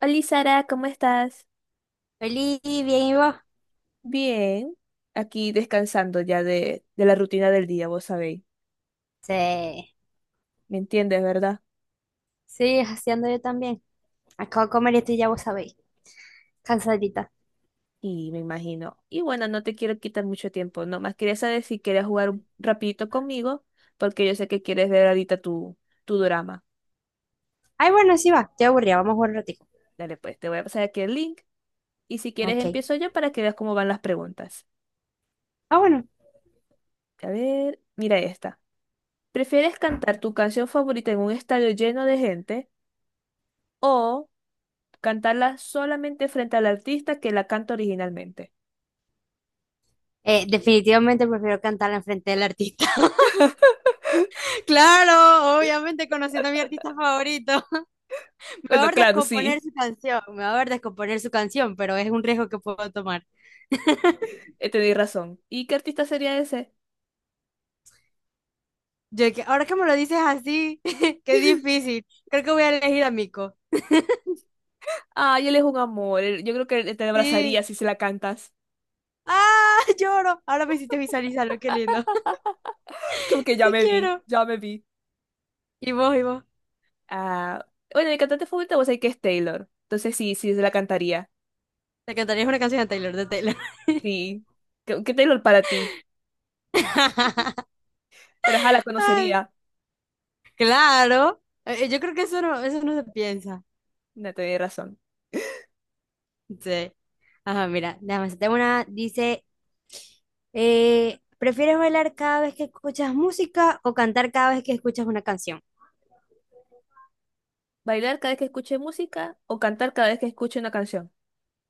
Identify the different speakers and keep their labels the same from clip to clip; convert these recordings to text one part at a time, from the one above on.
Speaker 1: Hola Sara, ¿cómo estás?
Speaker 2: Feliz, bien, ¿y vos?
Speaker 1: Bien, aquí descansando ya de la rutina del día, vos sabéis.
Speaker 2: Sí.
Speaker 1: ¿Me entiendes, verdad?
Speaker 2: Sí, así ando yo también. Acabo de comer y estoy ya vos sabéis. Cansadita.
Speaker 1: Y me imagino. Y bueno, no te quiero quitar mucho tiempo. Nomás quería saber si quieres jugar un rapidito conmigo, porque yo sé que quieres ver ahorita tu drama.
Speaker 2: Ay, bueno, sí va. Estoy aburrida, vamos a jugar un ratico.
Speaker 1: Dale, pues, te voy a pasar aquí el link. Y si quieres,
Speaker 2: Ok.
Speaker 1: empiezo yo para que veas cómo van las preguntas.
Speaker 2: Ah, bueno.
Speaker 1: A ver, mira esta. ¿Prefieres cantar tu canción favorita en un estadio lleno de gente o cantarla solamente frente al artista que la canta originalmente?
Speaker 2: Definitivamente prefiero cantarla enfrente del artista. Claro, obviamente conociendo a mi artista favorito.
Speaker 1: Bueno,
Speaker 2: Mejor
Speaker 1: claro,
Speaker 2: descomponer
Speaker 1: sí,
Speaker 2: su canción, mejor descomponer su canción, pero es un riesgo que puedo tomar.
Speaker 1: tenéis razón. ¿Y qué artista sería ese?
Speaker 2: Yo que ahora que me lo dices así, qué difícil. Creo que voy a elegir a Mico.
Speaker 1: Ay, él es un amor. Yo creo que él te
Speaker 2: Sí.
Speaker 1: abrazaría si se la cantas.
Speaker 2: Ah, lloro. Ahora me hiciste visualizarlo, qué lindo.
Speaker 1: Como que ya
Speaker 2: Sí
Speaker 1: me vi,
Speaker 2: quiero.
Speaker 1: ya me vi.
Speaker 2: Y vos, y vos.
Speaker 1: Ah, bueno, mi cantante favorita vos sabés que es Taylor. Entonces sí, sí, se la cantaría.
Speaker 2: Te cantarías una canción de Taylor, de Taylor.
Speaker 1: Sí. ¿Qué Taylor para ti? Pero ajá, la
Speaker 2: Ay,
Speaker 1: conocería.
Speaker 2: claro. Yo creo que eso no se piensa.
Speaker 1: No, tenés razón.
Speaker 2: Sí. Ajá, mira, déjame hacerte una. Dice, ¿prefieres bailar cada vez que escuchas música o cantar cada vez que escuchas una canción?
Speaker 1: ¿Bailar cada vez que escuche música o cantar cada vez que escuche una canción?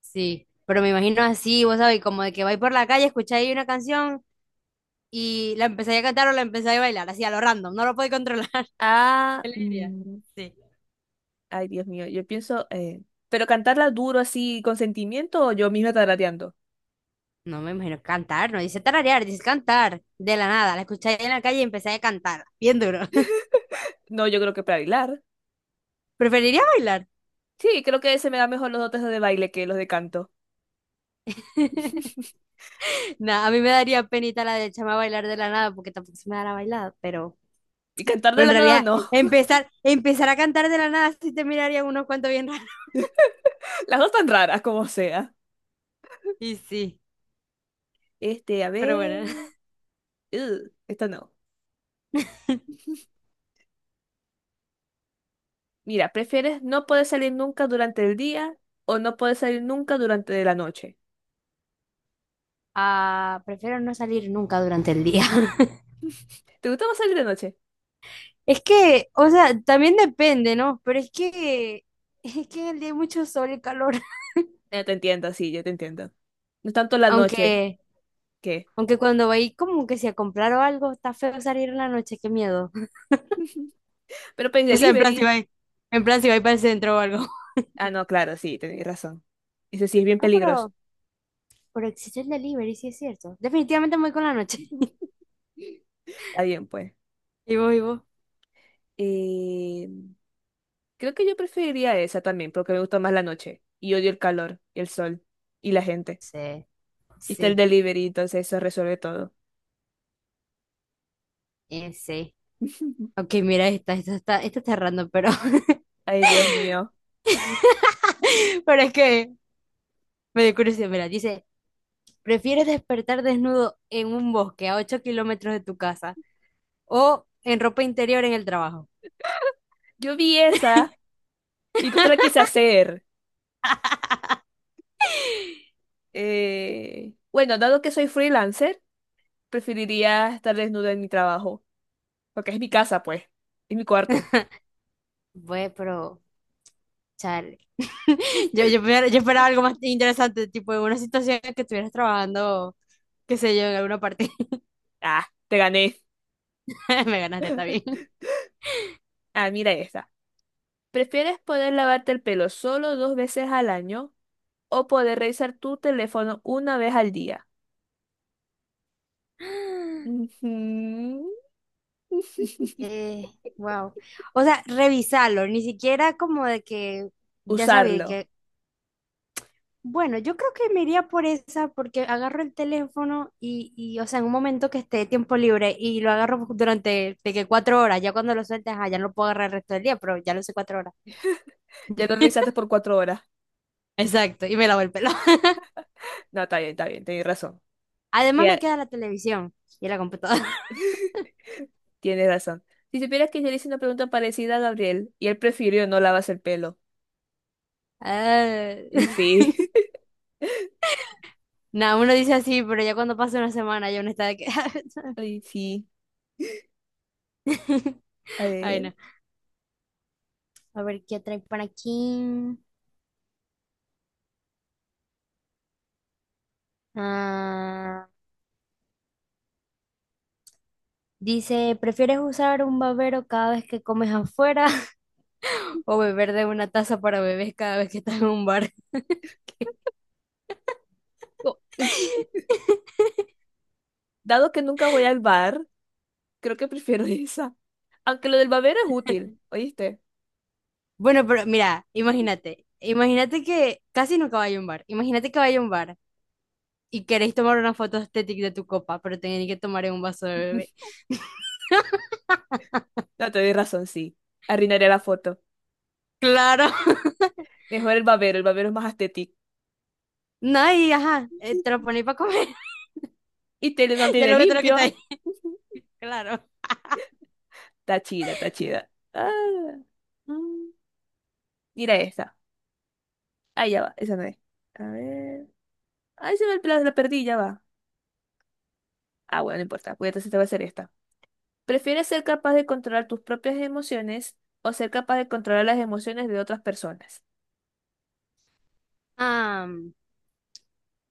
Speaker 2: Sí, pero me imagino así, vos sabés, como de que vais por la calle, escucháis una canción y la empezáis a cantar o la empezáis a bailar, así a lo random, no lo podéis controlar.
Speaker 1: Ah,
Speaker 2: Qué alegría. Sí.
Speaker 1: ay, Dios mío, yo pienso, pero cantarla duro así con sentimiento o yo misma tarareando.
Speaker 2: No me imagino cantar, no dice tararear, dice cantar. De la nada, la escuché en la calle y empecé a cantar, bien duro.
Speaker 1: No, yo creo que para bailar.
Speaker 2: ¿Preferiría bailar?
Speaker 1: Sí, creo que se me da mejor los dotes de baile que los de canto.
Speaker 2: No, a mí me daría penita la de echarme a bailar de la nada porque tampoco se me da la bailada,
Speaker 1: Y cantar de
Speaker 2: pero en
Speaker 1: la nada
Speaker 2: realidad
Speaker 1: no.
Speaker 2: empezar a cantar de la nada sí te mirarían unos cuantos bien raros.
Speaker 1: Las dos tan raras como sea.
Speaker 2: Y sí,
Speaker 1: Este, a
Speaker 2: pero
Speaker 1: ver.
Speaker 2: bueno.
Speaker 1: Ugh, esta no. Mira, ¿prefieres no poder salir nunca durante el día o no poder salir nunca durante la noche?
Speaker 2: Ah, prefiero no salir nunca durante el día.
Speaker 1: ¿Te gusta más salir de noche?
Speaker 2: Es que, o sea, también depende, ¿no? Pero es que en el día hay mucho sol y calor.
Speaker 1: Ya te entiendo, sí, yo te entiendo. No es tanto la noche
Speaker 2: Aunque…
Speaker 1: que.
Speaker 2: Aunque cuando va ahí como que si a comprar o algo, está feo salir en la noche, qué miedo.
Speaker 1: Pero Pay
Speaker 2: O sea,
Speaker 1: Delivery.
Speaker 2: en plan si va ahí para el centro o algo.
Speaker 1: Ah, no, claro, sí, tenéis razón. Ese sí es bien
Speaker 2: Ah,
Speaker 1: peligroso.
Speaker 2: pero existe el delivery, sí es cierto. Definitivamente me voy con la noche.
Speaker 1: Está bien, pues.
Speaker 2: Y vos, y vos.
Speaker 1: Eh, Creo que yo preferiría esa también, porque me gusta más la noche. Y odio el calor, y el sol, y la gente.
Speaker 2: Sí,
Speaker 1: Y está el
Speaker 2: sí,
Speaker 1: delivery, entonces eso resuelve todo.
Speaker 2: sí. Ok, mira esta, esta está random, pero,
Speaker 1: Ay, Dios mío.
Speaker 2: pero es que me dio curiosidad. Mira, dice, ¿prefieres despertar desnudo en un bosque a 8 kilómetros de tu casa o en ropa interior en el trabajo?
Speaker 1: Yo vi esa y no te la quise hacer. Bueno, dado que soy freelancer, preferiría estar desnuda en mi trabajo, porque es mi casa, pues. Es mi cuarto.
Speaker 2: Bueno, pero, yo esperaba algo más interesante, tipo en una situación en que estuvieras trabajando, qué sé yo, en alguna parte.
Speaker 1: Ah, te gané.
Speaker 2: Me ganaste, está bien.
Speaker 1: Ah, mira esta. ¿Prefieres poder lavarte el pelo solo dos veces al año o poder revisar tu teléfono una vez al día? Ujú.
Speaker 2: Eh, wow. O sea, revisarlo, ni siquiera como de que ya sabía
Speaker 1: Usarlo.
Speaker 2: que, bueno, yo creo que me iría por esa porque agarro el teléfono o sea, en un momento que esté tiempo libre y lo agarro durante de que 4 horas, ya cuando lo sueltas, ah, ya no lo puedo agarrar el resto del día, pero ya lo sé 4 horas.
Speaker 1: Ya lo revisaste por 4 horas.
Speaker 2: Exacto, y me lavo el pelo.
Speaker 1: No, está bien, tienes razón.
Speaker 2: Además
Speaker 1: Ya.
Speaker 2: me queda la televisión y la computadora.
Speaker 1: Tienes razón. Si supieras que yo le hice una pregunta parecida a Gabriel y él prefirió no lavarse el pelo.
Speaker 2: Ah,
Speaker 1: Y sí.
Speaker 2: nada, uno dice así, pero ya cuando pasa una semana ya uno está de que…
Speaker 1: Y sí. A
Speaker 2: Ay,
Speaker 1: ver.
Speaker 2: no. A ver, ¿qué trae por aquí? Ah, dice, ¿prefieres usar un babero cada vez que comes afuera o beber de una taza para bebés cada vez que estás en un bar?
Speaker 1: Oh. Dado que nunca voy al bar, creo que prefiero esa. Aunque lo del babero es útil, ¿oíste?
Speaker 2: Bueno, pero mira, imagínate, imagínate que casi nunca vaya a un bar, imagínate que vaya a un bar y queréis tomar una foto estética de tu copa, pero tenéis que tomar en un vaso de bebé.
Speaker 1: No, te doy razón, sí. Arruinaré la foto.
Speaker 2: Claro.
Speaker 1: Mejor el babero es más estético.
Speaker 2: No, y ajá, te lo ponéis para comer.
Speaker 1: Y te lo
Speaker 2: Ya
Speaker 1: mantiene
Speaker 2: luego te lo
Speaker 1: limpio.
Speaker 2: quitáis.
Speaker 1: Ujú.
Speaker 2: Claro.
Speaker 1: Está chida, está chida. Ah, mm. Mira esta. Ahí ya va, esa no es. A ver. Ahí se ve el plazo, la perdí, ya va. Ah, bueno, no importa. Pues entonces te va a hacer esta. ¿Prefieres ser capaz de controlar tus propias emociones o ser capaz de controlar las emociones de otras personas?
Speaker 2: Ah,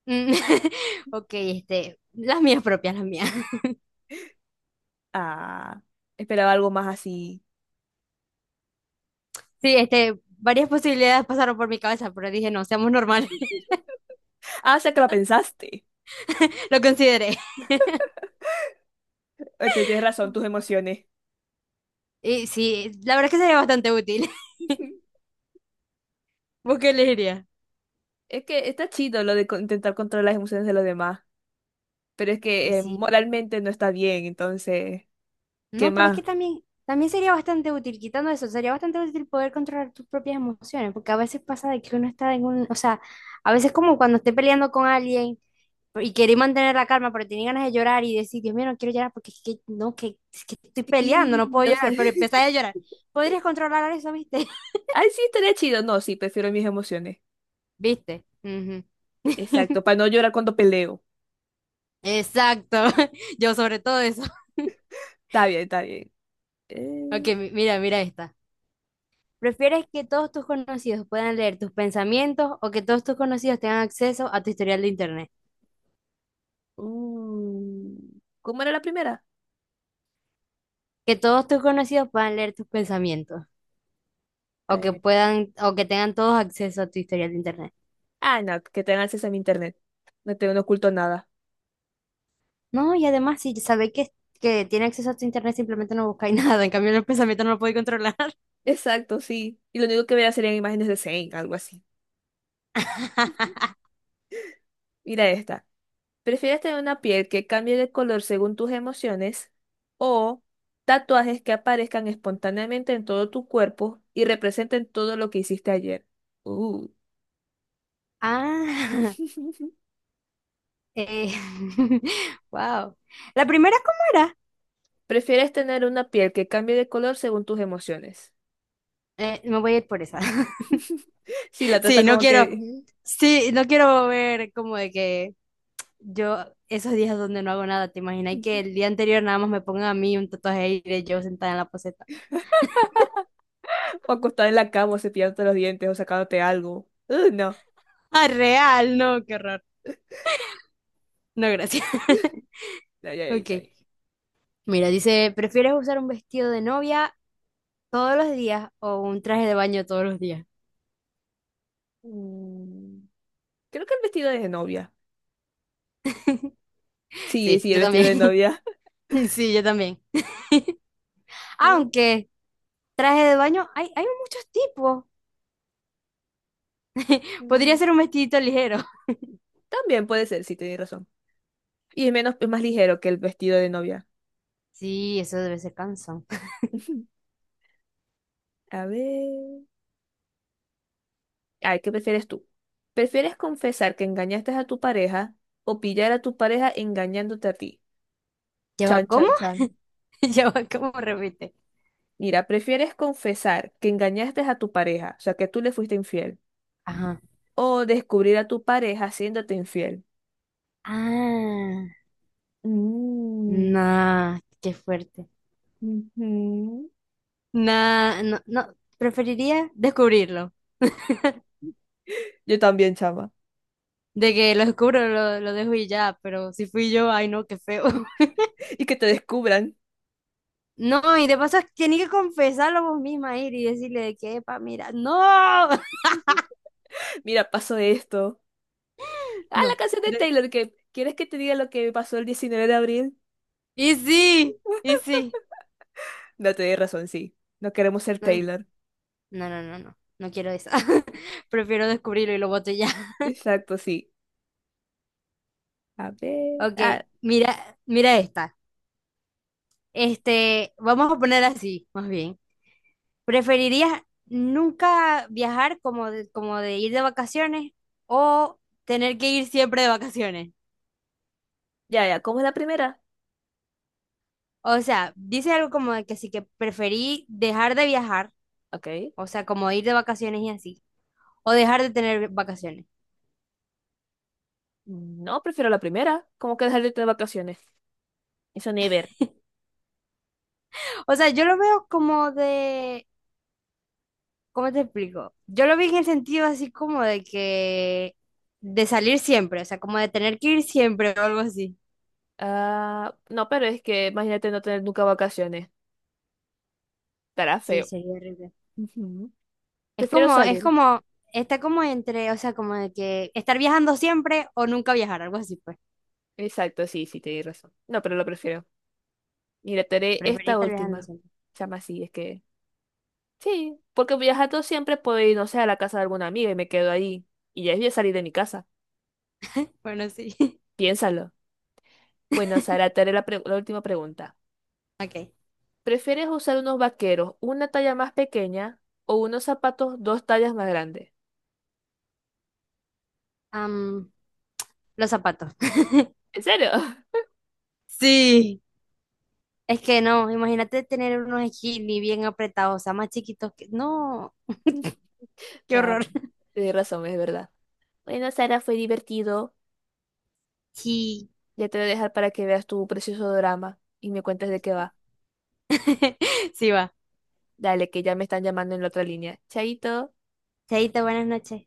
Speaker 2: mm, ok, este, las mías propias, las mías.
Speaker 1: Ah, esperaba algo más así.
Speaker 2: Sí, este, varias posibilidades pasaron por mi cabeza, pero dije, no, seamos normales.
Speaker 1: Ah, o sea que lo pensaste.
Speaker 2: Lo consideré.
Speaker 1: Te tienes razón, tus emociones.
Speaker 2: Y sí, la verdad es que sería bastante útil. ¿Vos qué elegirías?
Speaker 1: Es que está chido lo de intentar controlar las emociones de los demás, pero es
Speaker 2: Y
Speaker 1: que
Speaker 2: sí.
Speaker 1: moralmente no está bien, entonces, ¿qué
Speaker 2: No, pero es que
Speaker 1: más?
Speaker 2: también, también sería bastante útil, quitando eso, sería bastante útil poder controlar tus propias emociones, porque a veces pasa de que uno está en un, o sea, a veces como cuando esté peleando con alguien y quería mantener la calma, pero tenía ganas de llorar y decir, Dios mío, no quiero llorar porque es que, no, que, es que estoy peleando,
Speaker 1: Sí,
Speaker 2: no puedo
Speaker 1: no
Speaker 2: llorar,
Speaker 1: sé.
Speaker 2: pero empecé a llorar. ¿Podrías controlar eso, viste?
Speaker 1: Ay, sí, estaría chido. No, sí, prefiero mis emociones.
Speaker 2: ¿Viste? Ujú.
Speaker 1: Exacto, para no llorar cuando peleo.
Speaker 2: Exacto, yo sobre todo eso.
Speaker 1: Está bien, está bien.
Speaker 2: Ok,
Speaker 1: Eh,
Speaker 2: mira, mira esta. ¿Prefieres que todos tus conocidos puedan leer tus pensamientos o que todos tus conocidos tengan acceso a tu historial de internet?
Speaker 1: mm, ¿Cómo era la primera?
Speaker 2: Que todos tus conocidos puedan leer tus pensamientos
Speaker 1: Eh,
Speaker 2: o que tengan todos acceso a tu historial de internet.
Speaker 1: no, que tengan acceso a mi internet. No tengo, no oculto nada.
Speaker 2: No, y además, si sabéis que tiene acceso a tu internet, simplemente no buscáis nada. En cambio, el pensamiento no lo podéis controlar.
Speaker 1: Exacto, sí. Y lo único que voy a hacer serían imágenes de Zane, algo así. Mira esta. ¿Prefieres tener una piel que cambie de color según tus emociones o tatuajes que aparezcan espontáneamente en todo tu cuerpo y representen todo lo que hiciste ayer? Uh.
Speaker 2: Ah, eh, wow. ¿La primera cómo era?
Speaker 1: ¿Prefieres tener una piel que cambie de color según tus emociones?
Speaker 2: Me voy a ir por esa.
Speaker 1: Sí, la
Speaker 2: Sí,
Speaker 1: trata
Speaker 2: no
Speaker 1: como
Speaker 2: quiero,
Speaker 1: que...
Speaker 2: sí, no quiero ver como de que yo esos días donde no hago nada, ¿te imaginas y que el día anterior nada más me pongan a mí un tatuaje ahí de yo sentada en la poseta?
Speaker 1: O acostada en la cama, o cepillándote los dientes, o sacándote algo. No.
Speaker 2: Ah, real, no, qué horror. No, gracias.
Speaker 1: No, ya, ya,
Speaker 2: Ok.
Speaker 1: ya.
Speaker 2: Mira, dice, ¿prefieres usar un vestido de novia todos los días o un traje de baño todos los días?
Speaker 1: Mm, Creo que el vestido de novia. Sí,
Speaker 2: Sí,
Speaker 1: sí, el
Speaker 2: yo
Speaker 1: vestido de
Speaker 2: también.
Speaker 1: novia.
Speaker 2: Sí, yo también.
Speaker 1: Sí.
Speaker 2: Aunque traje de baño hay, hay muchos tipos. Podría
Speaker 1: Mm,
Speaker 2: ser un vestidito ligero.
Speaker 1: También puede ser, sí, tienes razón. Y es menos, es más ligero que el vestido de novia.
Speaker 2: Sí, eso debe ser cansón.
Speaker 1: A ver. Ay, ¿qué prefieres tú? ¿Prefieres confesar que engañaste a tu pareja o pillar a tu pareja engañándote a ti? Chan,
Speaker 2: ¿Lleva
Speaker 1: chan,
Speaker 2: cómo?
Speaker 1: chan.
Speaker 2: ¿Lleva cómo? Repite.
Speaker 1: Mira, ¿prefieres confesar que engañaste a tu pareja, o sea, que tú le fuiste infiel,
Speaker 2: Ajá.
Speaker 1: o descubrir a tu pareja haciéndote infiel?
Speaker 2: Ah,
Speaker 1: Mm,
Speaker 2: nah, qué fuerte.
Speaker 1: ujú.
Speaker 2: Nah, no, no, preferiría descubrirlo.
Speaker 1: Yo también, chama.
Speaker 2: De que lo descubro, lo dejo y ya, pero si fui yo, ay no, qué feo.
Speaker 1: Y que te descubran.
Speaker 2: No, y de paso tiene que confesarlo vos misma, ir y decirle de que, epa, mira, no,
Speaker 1: Mira, pasó esto. Ah, la
Speaker 2: no.
Speaker 1: canción de
Speaker 2: De-
Speaker 1: Taylor, que ¿quieres que te diga lo que pasó el 19 de abril?
Speaker 2: Y sí, y sí.
Speaker 1: No, tenéis razón, sí. No queremos ser
Speaker 2: No,
Speaker 1: Taylor.
Speaker 2: no, no, no, no, no quiero eso. Prefiero descubrirlo y lo boto ya.
Speaker 1: Exacto, sí. A ver.
Speaker 2: Ok,
Speaker 1: Ah,
Speaker 2: mira, mira esta. Este, vamos a poner así, más bien. ¿Preferirías nunca viajar como de ir de vacaciones o tener que ir siempre de vacaciones?
Speaker 1: ya, ya. ¿Cómo es la primera?
Speaker 2: O sea, dice algo como de que sí que preferí dejar de viajar.
Speaker 1: Ok.
Speaker 2: O sea, como ir de vacaciones y así. O dejar de tener vacaciones.
Speaker 1: No, prefiero la primera. ¿Cómo que dejar de tener vacaciones? Eso ni ver.
Speaker 2: O sea, yo lo veo como de… ¿Cómo te explico? Yo lo vi en el sentido así como de que… De salir siempre, o sea, como de tener que ir siempre o algo así.
Speaker 1: Ah, no, pero es que imagínate no tener nunca vacaciones. Estará
Speaker 2: Sí,
Speaker 1: feo.
Speaker 2: sería horrible.
Speaker 1: Ujú. Prefiero
Speaker 2: Es
Speaker 1: salir.
Speaker 2: como, está como entre, o sea, como de que estar viajando siempre o nunca viajar, algo así, pues.
Speaker 1: Exacto, sí, sí, tenéis razón. No, pero lo prefiero. Y le daré
Speaker 2: Preferí
Speaker 1: esta
Speaker 2: estar viajando
Speaker 1: última.
Speaker 2: siempre.
Speaker 1: Se llama así, es que. Sí, porque viajando siempre puedo ir, no sé, a la casa de alguna amiga y me quedo ahí. Y ya es bien salir de mi casa.
Speaker 2: Bueno, sí.
Speaker 1: Piénsalo. Bueno, Sara, te haré la última pregunta.
Speaker 2: Ok.
Speaker 1: ¿Prefieres usar unos vaqueros una talla más pequeña o unos zapatos dos tallas más grandes?
Speaker 2: Am, los zapatos.
Speaker 1: ¿En serio?
Speaker 2: Sí. Es que no, imagínate tener unos skinny bien apretados, o sea, más chiquitos que… No, qué
Speaker 1: Ya,
Speaker 2: horror.
Speaker 1: tienes razón, es verdad. Bueno, Sara, fue divertido.
Speaker 2: Sí,
Speaker 1: Ya te voy a dejar para que veas tu precioso drama y me cuentes de qué va.
Speaker 2: sí va.
Speaker 1: Dale, que ya me están llamando en la otra línea. Chaito.
Speaker 2: Chaito, buenas noches.